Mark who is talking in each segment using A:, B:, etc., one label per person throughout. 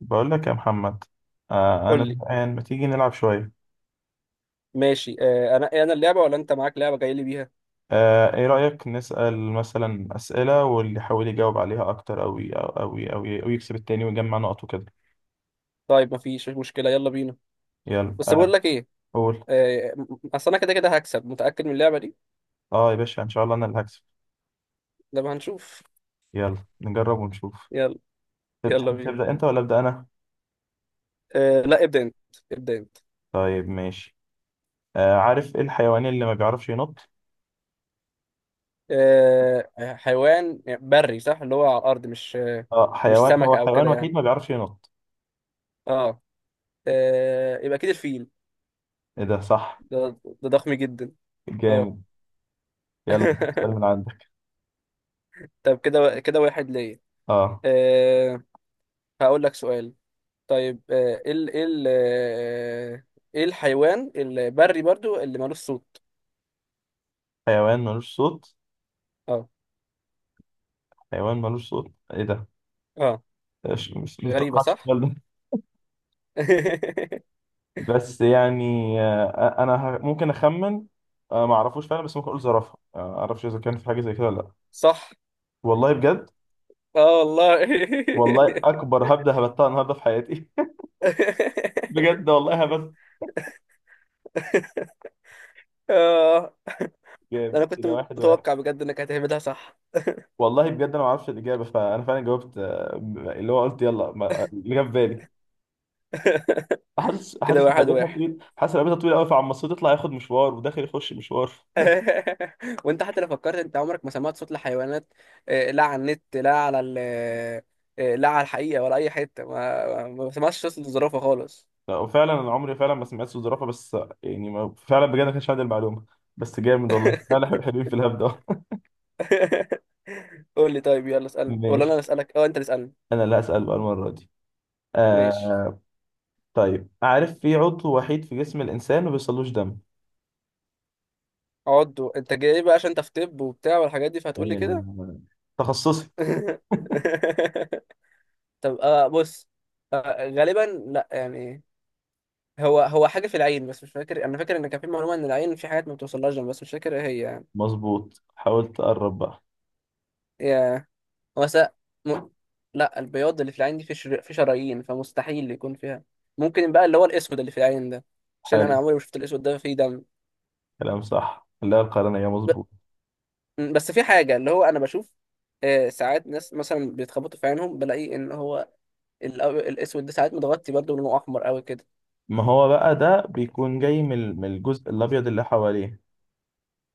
A: بقول لك يا محمد. انا
B: قول لي.
A: الآن ما تيجي نلعب شويه.
B: ماشي، انا اللعبه ولا انت معاك لعبه جاي لي بيها؟
A: ايه رأيك نسأل مثلا أسئلة واللي يحاول يجاوب عليها اكتر أو يكسب التاني ويجمع نقط وكده.
B: طيب مفيش مشكله، يلا بينا.
A: يلا
B: بس بقول لك ايه.
A: قول.
B: اصل انا كده كده هكسب، متاكد من اللعبه دي.
A: اه يا باشا ان شاء الله انا اللي هكسب.
B: لما هنشوف.
A: يلا نجرب ونشوف.
B: يلا. يلا
A: تحب
B: بينا.
A: تبدأ انت ولا أبدأ انا؟
B: لا، ابدا انت. ابدا انت.
A: طيب ماشي. آه، عارف ايه الحيوان اللي ما بيعرفش ينط؟
B: حيوان بري صح، اللي هو على الارض، مش
A: اه
B: مش
A: حيوان،
B: سمكه
A: هو
B: او
A: حيوان
B: كده يعني.
A: وحيد ما بيعرفش ينط.
B: اه، يبقى اكيد الفيل.
A: ايه ده؟ صح.
B: ده ضخم جدا. اه.
A: جامد. يلا سؤال من عندك.
B: طب كده كده واحد ليا.
A: اه،
B: آه. هقول لك سؤال. طيب، آه، ايه ال- ايه ال- آه، ايه الحيوان البري برضو اللي مالوش صوت؟
A: حيوان ملوش صوت؟
B: اه.
A: حيوان ملوش صوت؟ ايه ده!
B: اه.
A: ما
B: غريبة
A: توقعتش
B: صح.
A: السؤال ده. بس يعني، آه، انا ممكن اخمن. ما اعرفوش فعلا، بس ممكن اقول زرافه. ما اعرفش اذا كان في حاجه زي كده ولا لا.
B: صح.
A: والله بجد.
B: اه والله.
A: والله اكبر، هبده هبتها النهارده في حياتي. بجد والله هبت.
B: اه.
A: جامد
B: انا كنت
A: كده، واحد واحد.
B: متوقع بجد انك هتعملها صح.
A: والله بجد انا ما اعرفش الاجابه، فانا فعلا جاوبت. اللي هو قلت يلا، اللي جه في بالي. حاسس
B: كده
A: حاسس إن
B: واحد
A: رقبتها
B: واحد.
A: طويل، حاسس إن رقبتها طويل قوي، فعمال تطلع ياخد مشوار وداخل يخش مشوار.
B: وانت حتى لو فكرت، انت عمرك ما سمعت صوت لحيوانات؟ لا على النت، لا على الحقيقة ولا اي حتة، ما سمعتش صوت الزرافة خالص.
A: لا وفعلا انا عمري فعلا ما سمعت صوت زرافه. بس يعني ما فعلا بجد، ما كانش عندي المعلومه. بس جامد والله فعلا. حلوين في الهبده.
B: قول لي. طيب يلا اسألني، ولا انا اللي
A: ماشي.
B: اسألك؟ اه، انت اللي اسألني.
A: انا اللي هسال بقى المره دي.
B: ماشي.
A: آه. طيب عارف في عضو وحيد في جسم الانسان ما بيوصلوش دم؟
B: عضو؟ انت جاي بقى عشان انت في طب وبتاع والحاجات دي فهتقول لي كده.
A: آه، تخصصي.
B: طب بص. غالبا. لا يعني. هو حاجة في العين، بس مش فاكر. انا فاكر ان كان في معلومة ان العين في حاجات ما بتوصلهاش جنب، بس مش فاكر ايه هي يعني.
A: مظبوط، حاولت اقرب بقى.
B: يا هو س... م... لا، البياض اللي في العين دي في في شرايين، فمستحيل يكون فيها. ممكن بقى اللي هو الاسود اللي في العين ده، عشان انا
A: حلو.
B: عمري ما شفت الاسود ده فيه دم.
A: كلام صح، لا القرنيه مظبوط.
B: مم. بس في حاجة اللي هو أنا بشوف، ساعات ناس مثلا بيتخبطوا في عينهم، بلاقي إن هو الأسود ده ساعات متغطي برضه لونه أحمر أوي كده.
A: ما هو بقى ده بيكون جاي من الجزء الابيض اللي حواليه.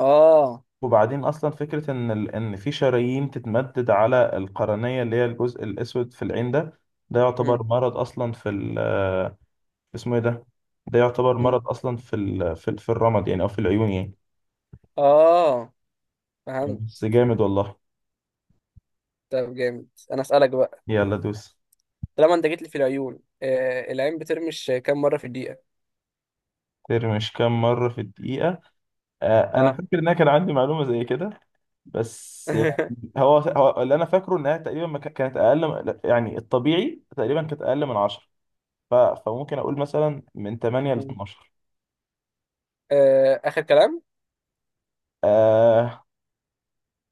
B: آه.
A: وبعدين اصلا فكره ان ان في شرايين تتمدد على القرنيه اللي هي الجزء الاسود في العين ده، ده
B: مم.
A: يعتبر مرض اصلا في ال... آه، اسمه ايه ده؟ ده يعتبر
B: مم.
A: مرض اصلا في الرمد يعني او في العيون يعني.
B: آه، فهمت.
A: بس جامد والله.
B: طب جامد، أنا أسألك بقى.
A: يلا دوس.
B: طالما أنت جيت لي في العيون، العين بترمش كام مرة في الدقيقة؟
A: ترمي مش كام مره في الدقيقه؟ آه انا
B: آه.
A: فاكر ان انا كان عندي معلومه زي كده، بس يعني، هو, هو اللي انا فاكره انها تقريبا ما كان- كانت اقل، يعني الطبيعي تقريبا كانت اقل من 10. فممكن اقول مثلا من 8 ل
B: م.
A: 12.
B: آخر كلام.
A: آه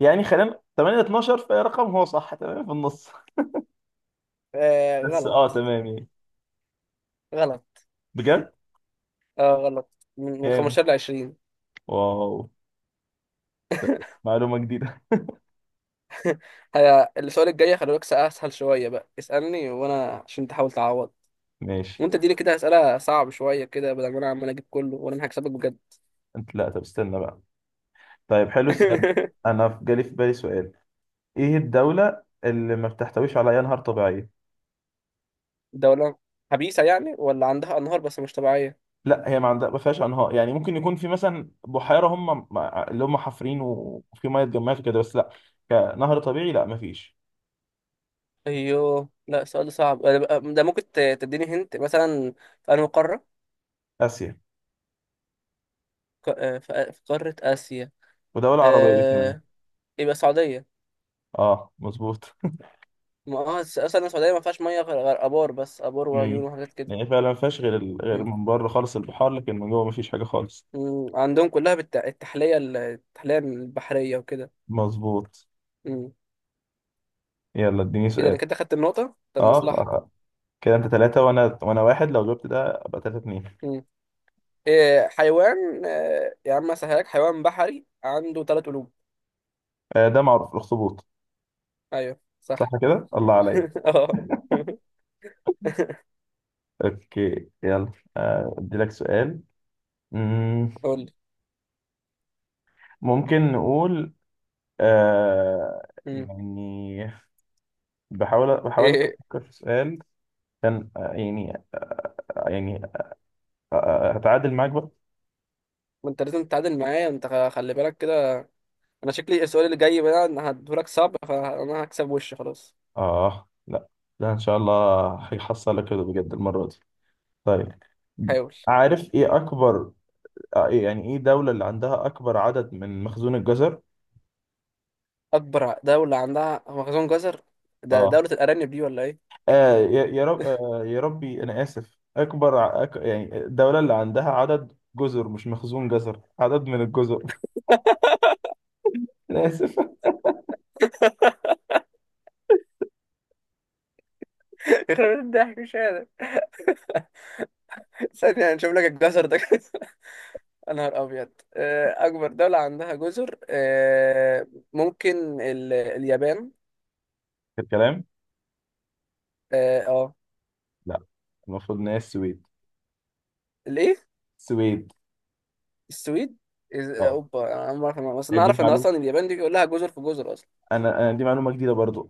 A: يعني خلينا 8 12، فرقم هو صح تمام في النص. بس
B: غلط.
A: اه تمام يعني.
B: غلط.
A: بجد
B: غلط. من
A: جامد.
B: 15 ل 20.
A: واو، معلومة جديدة.
B: السؤال الجاي خلي بالك، أسهل شوية بقى اسألني، وأنا عشان تحاول تعوض.
A: ماشي.
B: وانت اديني كده اسئله صعب شويه كده، بدل ما انا عمال اجيب كله، وانا انا هكسبك بجد.
A: انت لا، طب استنى بقى. طيب حلو السؤال ده. انا جالي في بالي سؤال. ايه الدولة اللي ما بتحتويش على اي انهار طبيعية؟
B: دوله خبيثه يعني، ولا عندها انهار بس مش طبيعيه؟
A: لا هي ما عندها، ما فيهاش انهار، يعني ممكن يكون في مثلا بحيرة هم اللي هم حافرين وفي ميه اتجمعت وكده، بس لا، كنهر طبيعي لا ما فيش.
B: ايوه، لا السؤال ده صعب. ده ممكن تديني هنت مثلا في انهي قاره.
A: اسيا.
B: في قاره اسيا.
A: ودولة عربية كمان.
B: آه، يبقى السعوديه.
A: اه مظبوط.
B: ما اه الس- اصلا السعوديه ما فيهاش ميه غير غير ابار، بس ابار وعيون
A: مم.
B: وحاجات كده.
A: يعني فعلا ما فيهاش غير
B: مم.
A: من بره خالص البحار، لكن من جوه ما فيش حاجه خالص.
B: مم. عندهم كلها التحليه، التحليه البحريه وكده.
A: مظبوط.
B: مم.
A: يلا اديني
B: كده انا
A: سؤال.
B: كده خدت النقطه، طب
A: اه
B: مصلحه.
A: آه. كده انت ثلاثة وانا واحد، لو جبت ده ابقى ثلاثة اتنين.
B: إيه حيوان، يا عم اسهلك، حيوان بحري عنده ثلاث قلوب؟
A: آه ده معروف، الاخطبوط.
B: ايوه
A: صح
B: صح.
A: كده، الله عليا.
B: اه.
A: اوكي يلا، ادي لك سؤال. مم،
B: قول لي.
A: ممكن نقول، آه
B: مم.
A: يعني بحاول بحاول
B: ايه.
A: افكر في سؤال كان، يعني هتعادل معاك بقى.
B: ما انت لازم تتعادل معايا، خلي بالك كده. انا شكلي السؤال اللي جاي بقى انا هديهولك صعب، فانا هكسب وش خلاص.
A: آه لا، لا إن شاء الله هيحصلك كده بجد المرة دي. طيب
B: حاول.
A: عارف إيه أكبر، إيه دولة اللي عندها أكبر عدد من مخزون الجزر؟
B: اكبر دولة عندها مخزون جزر؟ ده
A: آه,
B: دولة الارانب دي ولا ايه؟
A: آه يا يا رب آه يا ربي أنا آسف، أكبر يعني الدولة اللي عندها عدد جزر، مش مخزون جزر، عدد من الجزر. أنا آسف.
B: يخرب بيت الضحك، مش قادر. ثانية نشوف لك الجزر ده. يا نهار ابيض، اكبر دولة عندها جزر. ممكن اليابان.
A: الكلام؟
B: اه. آه.
A: لا، المفروض إن هي السويد.
B: الايه؟
A: السويد.
B: السويد.
A: آه
B: اوبا، انا ما اعرف، بس انا
A: يعني دي
B: اعرف ان
A: معلومة،
B: اصلا اليابان دي كلها جزر في جزر اصلا.
A: أنا أنا دي معلومة جديدة برضو.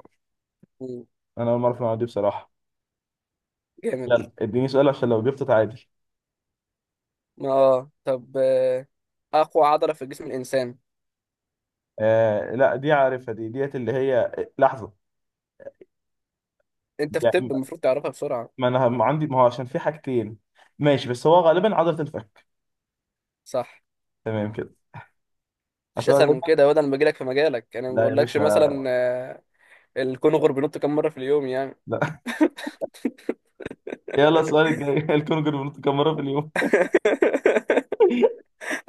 B: مم.
A: أنا أول مرة أعرف المعلومة دي بصراحة.
B: جامد.
A: يلا اديني سؤال عشان لو جبته تعادل.
B: اه. طب، اقوى عضله في جسم الانسان؟
A: آه لا دي عارفها، دي ديت اللي هي، لحظة.
B: انت في الطب
A: لا،
B: المفروض تعرفها بسرعه.
A: ما انا ما عندي ما هو عشان في حاجتين. ماشي، بس هو غالبا عضلة الفك.
B: صح.
A: تمام كده.
B: مفيش
A: اصل أنا
B: اسهل من
A: غالبا،
B: كده. وده انا بجيلك في مجالك، انا ما
A: لا يا
B: بقولكش
A: باشا.
B: مثلا الكونغر بينط كام مره في اليوم يعني.
A: لا. يلا السؤال الجاي. الكونجر بنط كام مرة في اليوم؟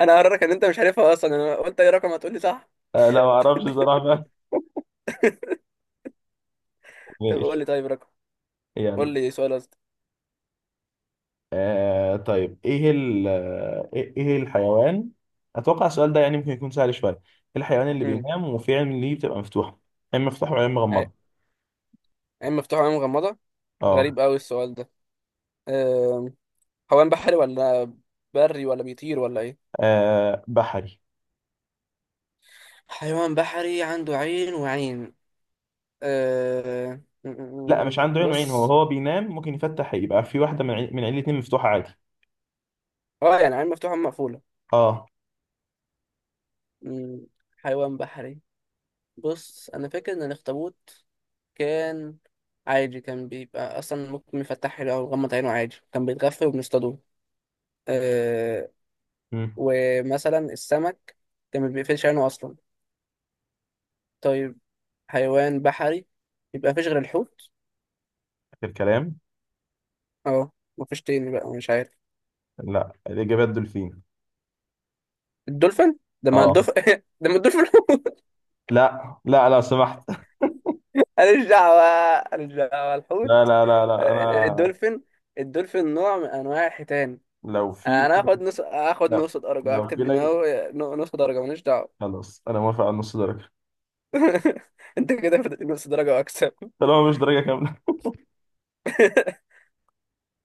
B: انا هقررك ان انت مش عارفها اصلا، انا قلت اي رقم هتقول لي صح.
A: لا ما اعرفش بصراحة. بقى.
B: طب قول
A: ماشي.
B: لي. طيب رقم. قول
A: يلا.
B: لي سؤال قصدي.
A: آه طيب ايه ال آه، ايه إيه الحيوان؟ اتوقع السؤال ده يعني ممكن يكون سهل شوية. إيه الحيوان اللي
B: امم.
A: بينام وفي عين ليه بتبقى مفتوحة؟ عين مفتوحة وعين مغمضة.
B: عين مفتوحه وعين مغمضه.
A: اه.
B: غريب قوي السؤال ده. آه، حيوان بحري ولا بري ولا بيطير ولا ايه؟
A: بحري.
B: حيوان بحري عنده عين وعين. أه... م-
A: لا
B: م- م.
A: مش عنده عين وعين، هو
B: بص.
A: هو بينام ممكن يفتح، يبقى في واحدة من عين، الاتنين مفتوحة عادي.
B: اه، يعني عين مفتوحة مقفولة.
A: اه.
B: م. حيوان بحري. بص أنا فاكر إن الأخطبوط كان عادي، كان بيبقى أصلا ممكن يفتح له أو يغمض عينه عادي، كان بيتغفل وبنصطادوه. أه...
A: امم.
B: ومثلا السمك كان ما بيقفلش عينه أصلا. طيب، حيوان بحري، يبقى مفيش غير الحوت.
A: آخر كلام.
B: اه. مفيش تاني بقى، مش عارف.
A: لا، الإجابة الدولفين.
B: الدولفين ده؟ ما
A: اه.
B: الدولفين ده، ما الدولفين حوت.
A: لا لا، لا سمحت.
B: ماليش دعوة. ماليش دعوة،
A: لا
B: الحوت.
A: لا لا لا. أنا
B: الدولفين. الدولفين نوع من انواع الحيتان.
A: لو في
B: انا هاخد نص، هاخد
A: لا،
B: نص درجة،
A: لو في
B: اكتب ان
A: لجنة.
B: هو. نص درجة، ماليش دعوة.
A: خلاص أنا موافق على نص درجة.
B: انت كده فاضل نص درجة واكسب.
A: طالما مش درجة كاملة.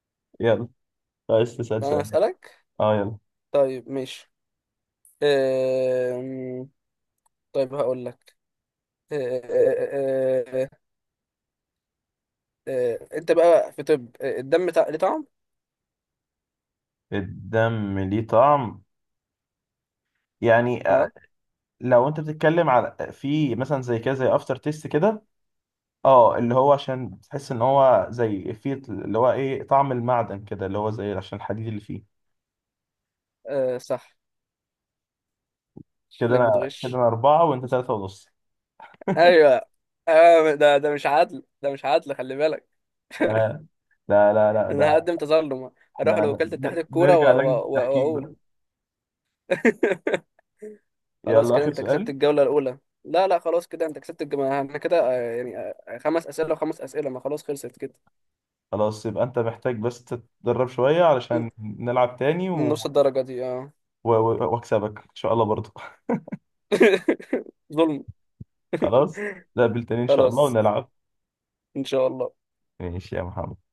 A: يلا، عايز تسأل
B: انا
A: سؤال؟
B: هسألك.
A: اه يلا.
B: طيب ماشي. أم... طيب هقول لك. أه، أه، أه، أه، أه، آه، انت بقى في طب، الدم بتاع ليه طعم؟
A: الدم ليه طعم؟ يعني
B: اه.
A: لو انت بتتكلم على في مثلا زي كده، زي افتر تيست كده. اه اللي هو عشان بتحس ان هو زي فيه، اللي هو ايه، طعم المعدن كده، اللي هو زي عشان الحديد اللي فيه.
B: صح.
A: كده
B: شكلك
A: انا، كده
B: بتغش.
A: انا اربعة وانت ثلاثة ونص.
B: ايوه. ده مش عدل، ده مش عدل، خلي بالك.
A: آه لا لا لا،
B: انا
A: ده
B: هقدم تظلم، اروح
A: احنا
B: لوكالة اتحاد الكورة
A: نرجع لجنة التحكيم
B: واقول.
A: بقى.
B: خلاص
A: يلا
B: كده
A: اخر
B: انت كسبت
A: سؤال.
B: الجولة الاولى. لا لا، خلاص كده انت كسبت الجولة، احنا كده يعني خمس اسئلة وخمس اسئلة، ما خلاص، خلصت كده.
A: خلاص، يبقى انت محتاج بس تتدرب شوية
B: ن-
A: علشان نلعب تاني
B: نص الدرجة دي اه.
A: واكسبك ان شاء الله برضو.
B: ظلم.
A: خلاص. نقابل تاني ان شاء الله
B: خلاص
A: ونلعب.
B: ان شاء الله.
A: ماشي يا محمد.